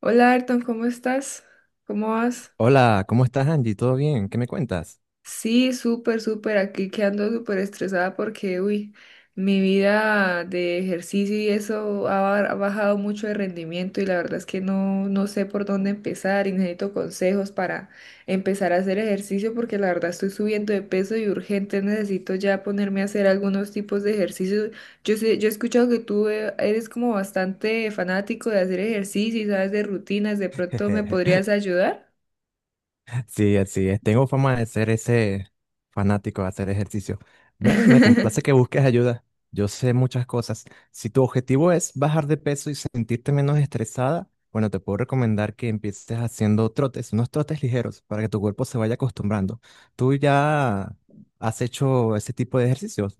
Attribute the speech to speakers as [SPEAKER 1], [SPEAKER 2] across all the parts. [SPEAKER 1] Hola Ayrton, ¿cómo estás? ¿Cómo vas?
[SPEAKER 2] Hola, ¿cómo estás, Angie? ¿Todo bien? ¿Qué me cuentas?
[SPEAKER 1] Sí, súper, súper. Aquí que ando súper estresada porque, uy, mi vida de ejercicio y eso ha bajado mucho de rendimiento y la verdad es que no sé por dónde empezar y necesito consejos para empezar a hacer ejercicio porque la verdad estoy subiendo de peso y urgente necesito ya ponerme a hacer algunos tipos de ejercicios. Yo sé, yo he escuchado que tú eres como bastante fanático de hacer ejercicio y sabes de rutinas, ¿de pronto me podrías ayudar?
[SPEAKER 2] Sí, así es. Tengo fama de ser ese fanático de hacer ejercicio. Me complace que busques ayuda. Yo sé muchas cosas. Si tu objetivo es bajar de peso y sentirte menos estresada, bueno, te puedo recomendar que empieces haciendo trotes, unos trotes ligeros, para que tu cuerpo se vaya acostumbrando. ¿Tú ya has hecho ese tipo de ejercicios,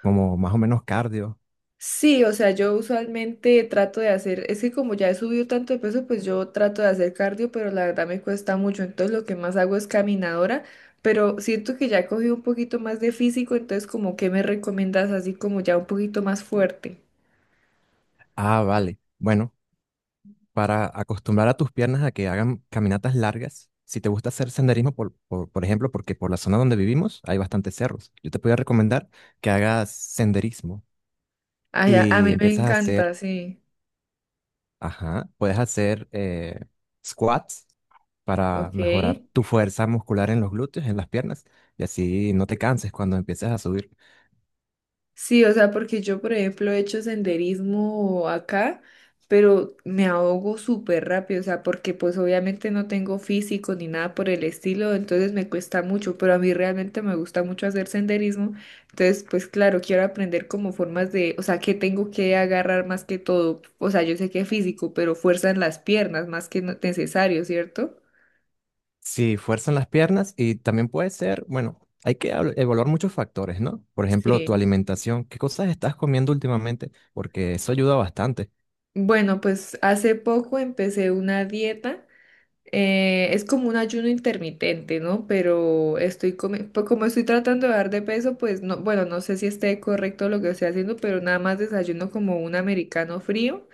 [SPEAKER 2] como más o menos cardio?
[SPEAKER 1] Sí, o sea, yo usualmente trato de hacer, es que como ya he subido tanto de peso, pues yo trato de hacer cardio, pero la verdad me cuesta mucho, entonces lo que más hago es caminadora, pero siento que ya he cogido un poquito más de físico, entonces como que me recomiendas así como ya un poquito más fuerte.
[SPEAKER 2] Ah, vale. Bueno, para acostumbrar a tus piernas a que hagan caminatas largas. Si te gusta hacer senderismo, por ejemplo, porque por la zona donde vivimos hay bastantes cerros, yo te podría recomendar que hagas senderismo
[SPEAKER 1] Ay, a
[SPEAKER 2] y
[SPEAKER 1] mí me
[SPEAKER 2] empiezas a hacer,
[SPEAKER 1] encanta, sí,
[SPEAKER 2] ajá, puedes hacer squats para
[SPEAKER 1] ok.
[SPEAKER 2] mejorar tu fuerza muscular en los glúteos, en las piernas, y así no te canses cuando empieces a subir.
[SPEAKER 1] Sí, o sea, porque yo, por ejemplo, he hecho senderismo acá, pero me ahogo súper rápido, o sea, porque pues obviamente no tengo físico ni nada por el estilo, entonces me cuesta mucho, pero a mí realmente me gusta mucho hacer senderismo, entonces pues claro, quiero aprender como formas de, o sea, que tengo que agarrar más que todo, o sea, yo sé que es físico, pero fuerza en las piernas más que no- necesario, ¿cierto?
[SPEAKER 2] Sí, fuerzan las piernas y también puede ser, bueno, hay que evaluar muchos factores, ¿no? Por ejemplo, tu
[SPEAKER 1] Sí.
[SPEAKER 2] alimentación, ¿qué cosas estás comiendo últimamente? Porque eso ayuda bastante.
[SPEAKER 1] Bueno, pues hace poco empecé una dieta. Es como un ayuno intermitente, ¿no? Pero estoy comi- pues como estoy tratando de bajar de peso, pues no, bueno, no sé si esté correcto lo que estoy haciendo, pero nada más desayuno como un americano frío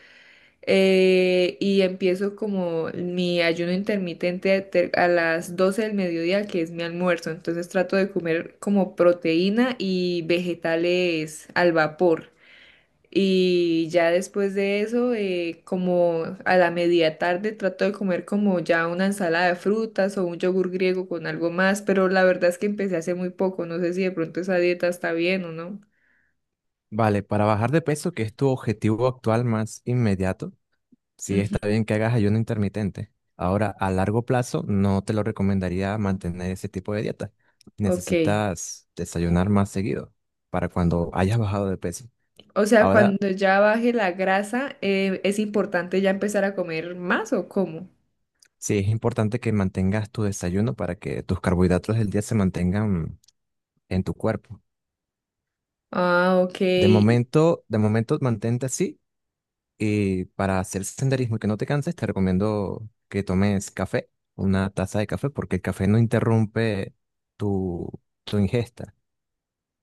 [SPEAKER 1] y empiezo como mi ayuno intermitente te- a las 12 del mediodía, que es mi almuerzo. Entonces trato de comer como proteína y vegetales al vapor. Y ya después de eso, como a la media tarde, trato de comer como ya una ensalada de frutas o un yogur griego con algo más, pero la verdad es que empecé hace muy poco, no sé si de pronto esa dieta está bien o no.
[SPEAKER 2] Vale, para bajar de peso, que es tu objetivo actual más inmediato, sí
[SPEAKER 1] Ujú.
[SPEAKER 2] está bien que hagas ayuno intermitente. Ahora, a largo plazo, no te lo recomendaría mantener ese tipo de dieta.
[SPEAKER 1] Ok.
[SPEAKER 2] Necesitas desayunar más seguido para cuando hayas bajado de peso.
[SPEAKER 1] O sea,
[SPEAKER 2] Ahora,
[SPEAKER 1] cuando ya baje la grasa, ¿es importante ya empezar a comer más o cómo?
[SPEAKER 2] sí, es importante que mantengas tu desayuno para que tus carbohidratos del día se mantengan en tu cuerpo.
[SPEAKER 1] Ah, ok.
[SPEAKER 2] De momento mantente así y para hacer senderismo y que no te canses, te recomiendo que tomes café, una taza de café, porque el café no interrumpe tu, tu ingesta,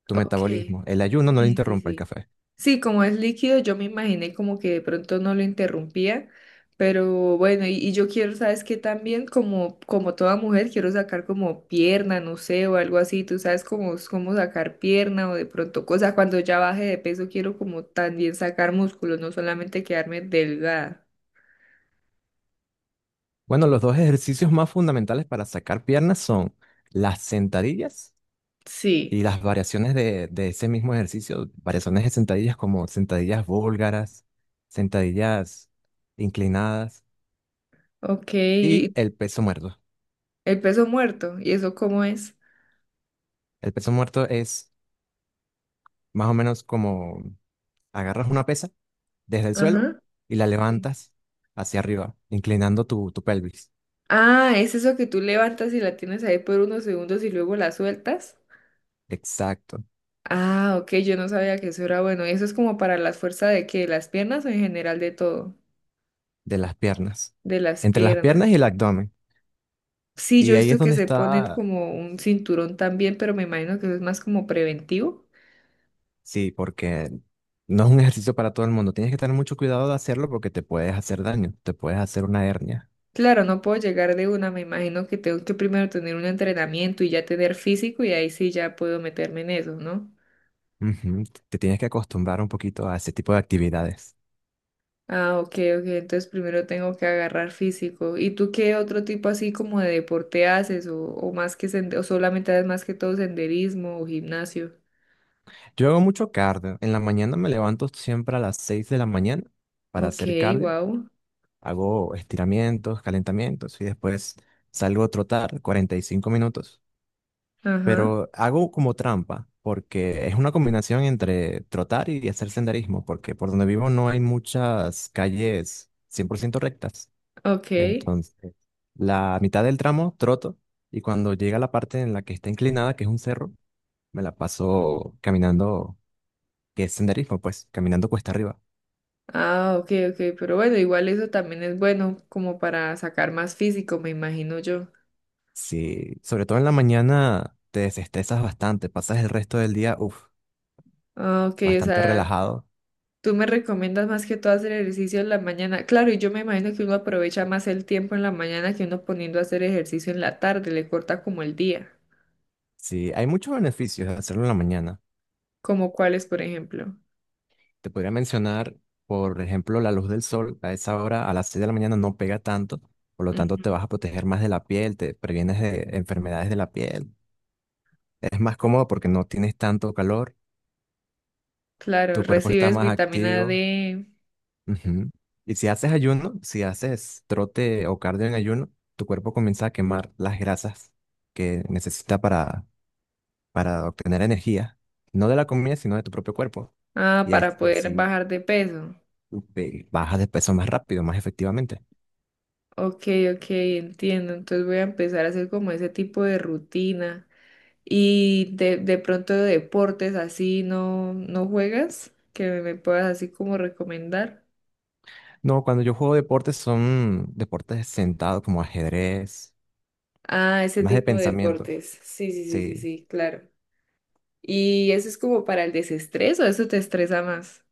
[SPEAKER 2] tu
[SPEAKER 1] Ok,
[SPEAKER 2] metabolismo. El ayuno no lo
[SPEAKER 1] sí, sí,
[SPEAKER 2] interrumpe el
[SPEAKER 1] sí.
[SPEAKER 2] café.
[SPEAKER 1] Sí, como es líquido, yo me imaginé como que de pronto no lo interrumpía, pero bueno, y yo quiero, ¿sabes qué? También como, como toda mujer, quiero sacar como pierna, no sé, o algo así, tú sabes cómo, cómo sacar pierna o de pronto cosa, cuando ya baje de peso, quiero como también sacar músculos, no solamente quedarme delgada.
[SPEAKER 2] Bueno, los dos ejercicios más fundamentales para sacar piernas son las sentadillas
[SPEAKER 1] Sí,
[SPEAKER 2] y las variaciones de ese mismo ejercicio, variaciones de sentadillas como sentadillas búlgaras, sentadillas inclinadas
[SPEAKER 1] ok,
[SPEAKER 2] y
[SPEAKER 1] y
[SPEAKER 2] el peso muerto.
[SPEAKER 1] el peso muerto, ¿y eso cómo es?
[SPEAKER 2] El peso muerto es más o menos como agarras una pesa desde el suelo
[SPEAKER 1] Ajá.
[SPEAKER 2] y la
[SPEAKER 1] Sí.
[SPEAKER 2] levantas hacia arriba, inclinando tu pelvis.
[SPEAKER 1] Ah, es eso que tú levantas y la tienes ahí por unos segundos y luego la sueltas.
[SPEAKER 2] Exacto,
[SPEAKER 1] Ah, ok, yo no sabía que eso era bueno. ¿Eso es como para la fuerza de qué? ¿De ¿Las piernas o en general de todo?
[SPEAKER 2] de las piernas.
[SPEAKER 1] De las
[SPEAKER 2] Entre las piernas y el
[SPEAKER 1] piernas.
[SPEAKER 2] abdomen.
[SPEAKER 1] Sí, yo
[SPEAKER 2] Y
[SPEAKER 1] he
[SPEAKER 2] ahí es
[SPEAKER 1] visto que
[SPEAKER 2] donde
[SPEAKER 1] se ponen
[SPEAKER 2] está.
[SPEAKER 1] como un cinturón también, pero me imagino que eso es más como preventivo.
[SPEAKER 2] Sí, porque no es un ejercicio para todo el mundo. Tienes que tener mucho cuidado de hacerlo porque te puedes hacer daño, te puedes hacer una hernia.
[SPEAKER 1] Claro, no puedo llegar de una, me imagino que tengo que primero tener un entrenamiento y ya tener físico y ahí sí ya puedo meterme en eso, ¿no?
[SPEAKER 2] Ujú, te tienes que acostumbrar un poquito a ese tipo de actividades.
[SPEAKER 1] Ah, ok, ok. Entonces primero tengo que agarrar físico. ¿Y tú qué otro tipo así como de deporte haces? O más que sende- o solamente haces más que todo senderismo o gimnasio?
[SPEAKER 2] Yo hago mucho cardio. En la mañana me levanto siempre a las 6 de la mañana para
[SPEAKER 1] Ok,
[SPEAKER 2] hacer cardio.
[SPEAKER 1] wow.
[SPEAKER 2] Hago estiramientos, calentamientos y después salgo a trotar 45 minutos,
[SPEAKER 1] Ajá,
[SPEAKER 2] pero hago como trampa, porque es una combinación entre trotar y hacer senderismo, porque por donde vivo no hay muchas calles 100% rectas.
[SPEAKER 1] ok.
[SPEAKER 2] Entonces, la mitad del tramo troto y cuando llega la parte en la que está inclinada, que es un cerro, me la paso caminando, que es senderismo, pues, caminando cuesta arriba.
[SPEAKER 1] Ah, ok, ok. Pero bueno, igual eso también es bueno como para sacar más físico, me imagino yo.
[SPEAKER 2] Sí, sobre todo en la mañana te desestresas bastante, pasas el resto del día, uff,
[SPEAKER 1] Ah, ok, o
[SPEAKER 2] bastante
[SPEAKER 1] sea,
[SPEAKER 2] relajado.
[SPEAKER 1] tú me recomiendas más que todo hacer ejercicio en la mañana. Claro, y yo me imagino que uno aprovecha más el tiempo en la mañana que uno poniendo a hacer ejercicio en la tarde, le corta como el día.
[SPEAKER 2] Sí, hay muchos beneficios de hacerlo en la mañana.
[SPEAKER 1] ¿Como cuáles, por ejemplo?
[SPEAKER 2] Te podría mencionar, por ejemplo, la luz del sol a esa hora, a las 6 de la mañana, no pega tanto, por lo tanto
[SPEAKER 1] Mm.
[SPEAKER 2] te vas a proteger más de la piel, te previenes de enfermedades de la piel. Es más cómodo porque no tienes tanto calor,
[SPEAKER 1] Claro,
[SPEAKER 2] tu cuerpo está
[SPEAKER 1] recibes
[SPEAKER 2] más
[SPEAKER 1] vitamina
[SPEAKER 2] activo.
[SPEAKER 1] D,
[SPEAKER 2] Ujú. Y si haces ayuno, si haces trote o cardio en ayuno, tu cuerpo comienza a quemar las grasas que necesita para obtener energía, no de la comida, sino de tu propio cuerpo.
[SPEAKER 1] Ah, para
[SPEAKER 2] Y
[SPEAKER 1] poder
[SPEAKER 2] así
[SPEAKER 1] bajar de peso.
[SPEAKER 2] bajas de peso más rápido, más efectivamente.
[SPEAKER 1] Ok, ok, entiendo. Entonces voy a empezar a hacer como ese tipo de rutina. Y de pronto deportes así no, no juegas, que me puedas así como recomendar.
[SPEAKER 2] No, cuando yo juego deportes son deportes sentados como ajedrez,
[SPEAKER 1] Ah, ese
[SPEAKER 2] más de
[SPEAKER 1] tipo de
[SPEAKER 2] pensamiento.
[SPEAKER 1] deportes. Sí, sí, sí, sí,
[SPEAKER 2] Sí,
[SPEAKER 1] sí, claro. ¿Y eso es como para el desestrés o eso te estresa más?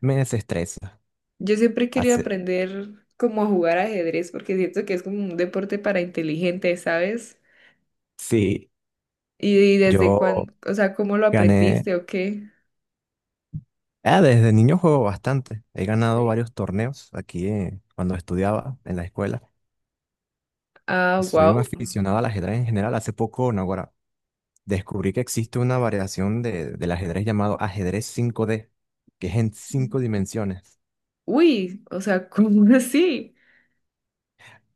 [SPEAKER 2] me desestresa.
[SPEAKER 1] Yo siempre quería
[SPEAKER 2] Hace,
[SPEAKER 1] aprender como a jugar ajedrez porque siento que es como un deporte para inteligentes, ¿sabes?
[SPEAKER 2] sí,
[SPEAKER 1] Y desde
[SPEAKER 2] yo
[SPEAKER 1] cuándo, o sea, ¿cómo lo
[SPEAKER 2] gané.
[SPEAKER 1] aprendiste o qué?
[SPEAKER 2] Ah, desde niño juego bastante. He ganado
[SPEAKER 1] Sí.
[SPEAKER 2] varios torneos aquí cuando estudiaba en la escuela.
[SPEAKER 1] Ah,
[SPEAKER 2] Y soy un
[SPEAKER 1] wow.
[SPEAKER 2] aficionado al ajedrez en general. Hace poco, no, ahora descubrí que existe una variación del ajedrez llamado ajedrez 5D, que es en cinco dimensiones,
[SPEAKER 1] Uy, o sea, ¿cómo así?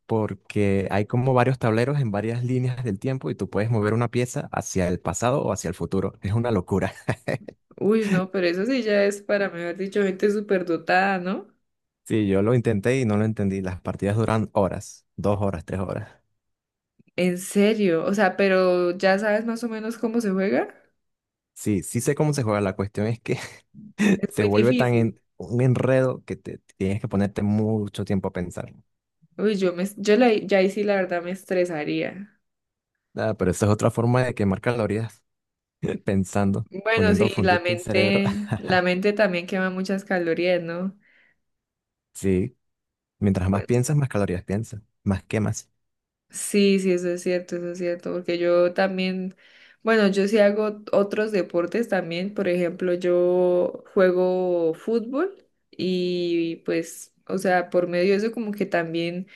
[SPEAKER 2] porque hay como varios tableros en varias líneas del tiempo y tú puedes mover una pieza hacia el pasado o hacia el futuro. Es una locura.
[SPEAKER 1] Uy, no, pero eso sí ya es para mejor dicho gente superdotada, ¿no?
[SPEAKER 2] Sí, yo lo intenté y no lo entendí. Las partidas duran horas, dos horas, tres horas.
[SPEAKER 1] En serio, o sea, pero ya sabes más o menos cómo se juega.
[SPEAKER 2] Sí, sí sé cómo se juega. La cuestión es que
[SPEAKER 1] Es
[SPEAKER 2] se
[SPEAKER 1] muy
[SPEAKER 2] vuelve
[SPEAKER 1] difícil.
[SPEAKER 2] un enredo que te tienes que ponerte mucho tiempo a pensar.
[SPEAKER 1] Uy, yo me, yo la, ya ahí sí la verdad me estresaría.
[SPEAKER 2] Ah, pero esa es otra forma de quemar calorías, pensando,
[SPEAKER 1] Bueno,
[SPEAKER 2] poniendo a
[SPEAKER 1] sí,
[SPEAKER 2] fundirte el cerebro.
[SPEAKER 1] la mente también quema muchas calorías, ¿no?
[SPEAKER 2] Sí, mientras más
[SPEAKER 1] Bueno,
[SPEAKER 2] piensas, más calorías piensas, más quemas.
[SPEAKER 1] sí, sí, eso es cierto, porque yo también, bueno, yo sí hago otros deportes también, por ejemplo, yo juego fútbol y pues, o sea, por medio de eso como que también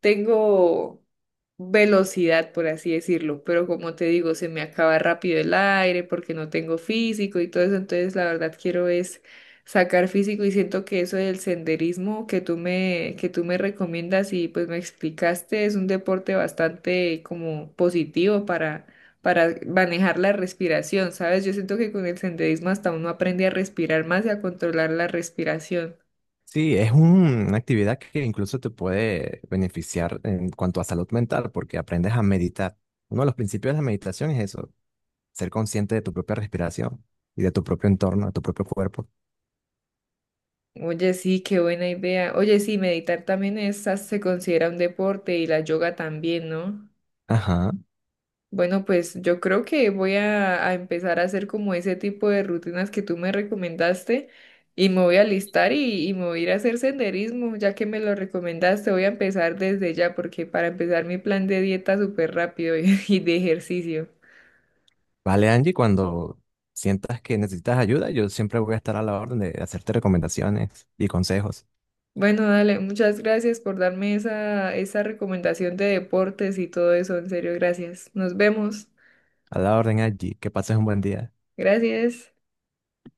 [SPEAKER 1] tengo velocidad, por así decirlo, pero como te digo, se me acaba rápido el aire porque no tengo físico y todo eso, entonces la verdad quiero es sacar físico y siento que eso del senderismo que tú me recomiendas y pues me explicaste es un deporte bastante como positivo para manejar la respiración, ¿sabes? Yo siento que con el senderismo hasta uno aprende a respirar más y a controlar la respiración.
[SPEAKER 2] Sí, es una actividad que incluso te puede beneficiar en cuanto a salud mental, porque aprendes a meditar. Uno de los principios de la meditación es eso, ser consciente de tu propia respiración y de tu propio entorno, de tu propio cuerpo.
[SPEAKER 1] Oye, sí, qué buena idea. Oye, sí, meditar también es, se considera un deporte y la yoga también, ¿no?
[SPEAKER 2] Ajá.
[SPEAKER 1] Bueno, pues yo creo que voy a empezar a hacer como ese tipo de rutinas que tú me recomendaste y me voy a listar y me voy a ir a hacer senderismo, ya que me lo recomendaste, voy a empezar desde ya porque para empezar mi plan de dieta súper rápido y, y de ejercicio.
[SPEAKER 2] Vale, Angie, cuando sientas que necesitas ayuda, yo siempre voy a estar a la orden de hacerte recomendaciones y consejos.
[SPEAKER 1] Bueno, dale, muchas gracias por darme esa, esa recomendación de deportes y todo eso, en serio, gracias. Nos vemos.
[SPEAKER 2] A la orden, Angie, que pases un buen día.
[SPEAKER 1] Gracias.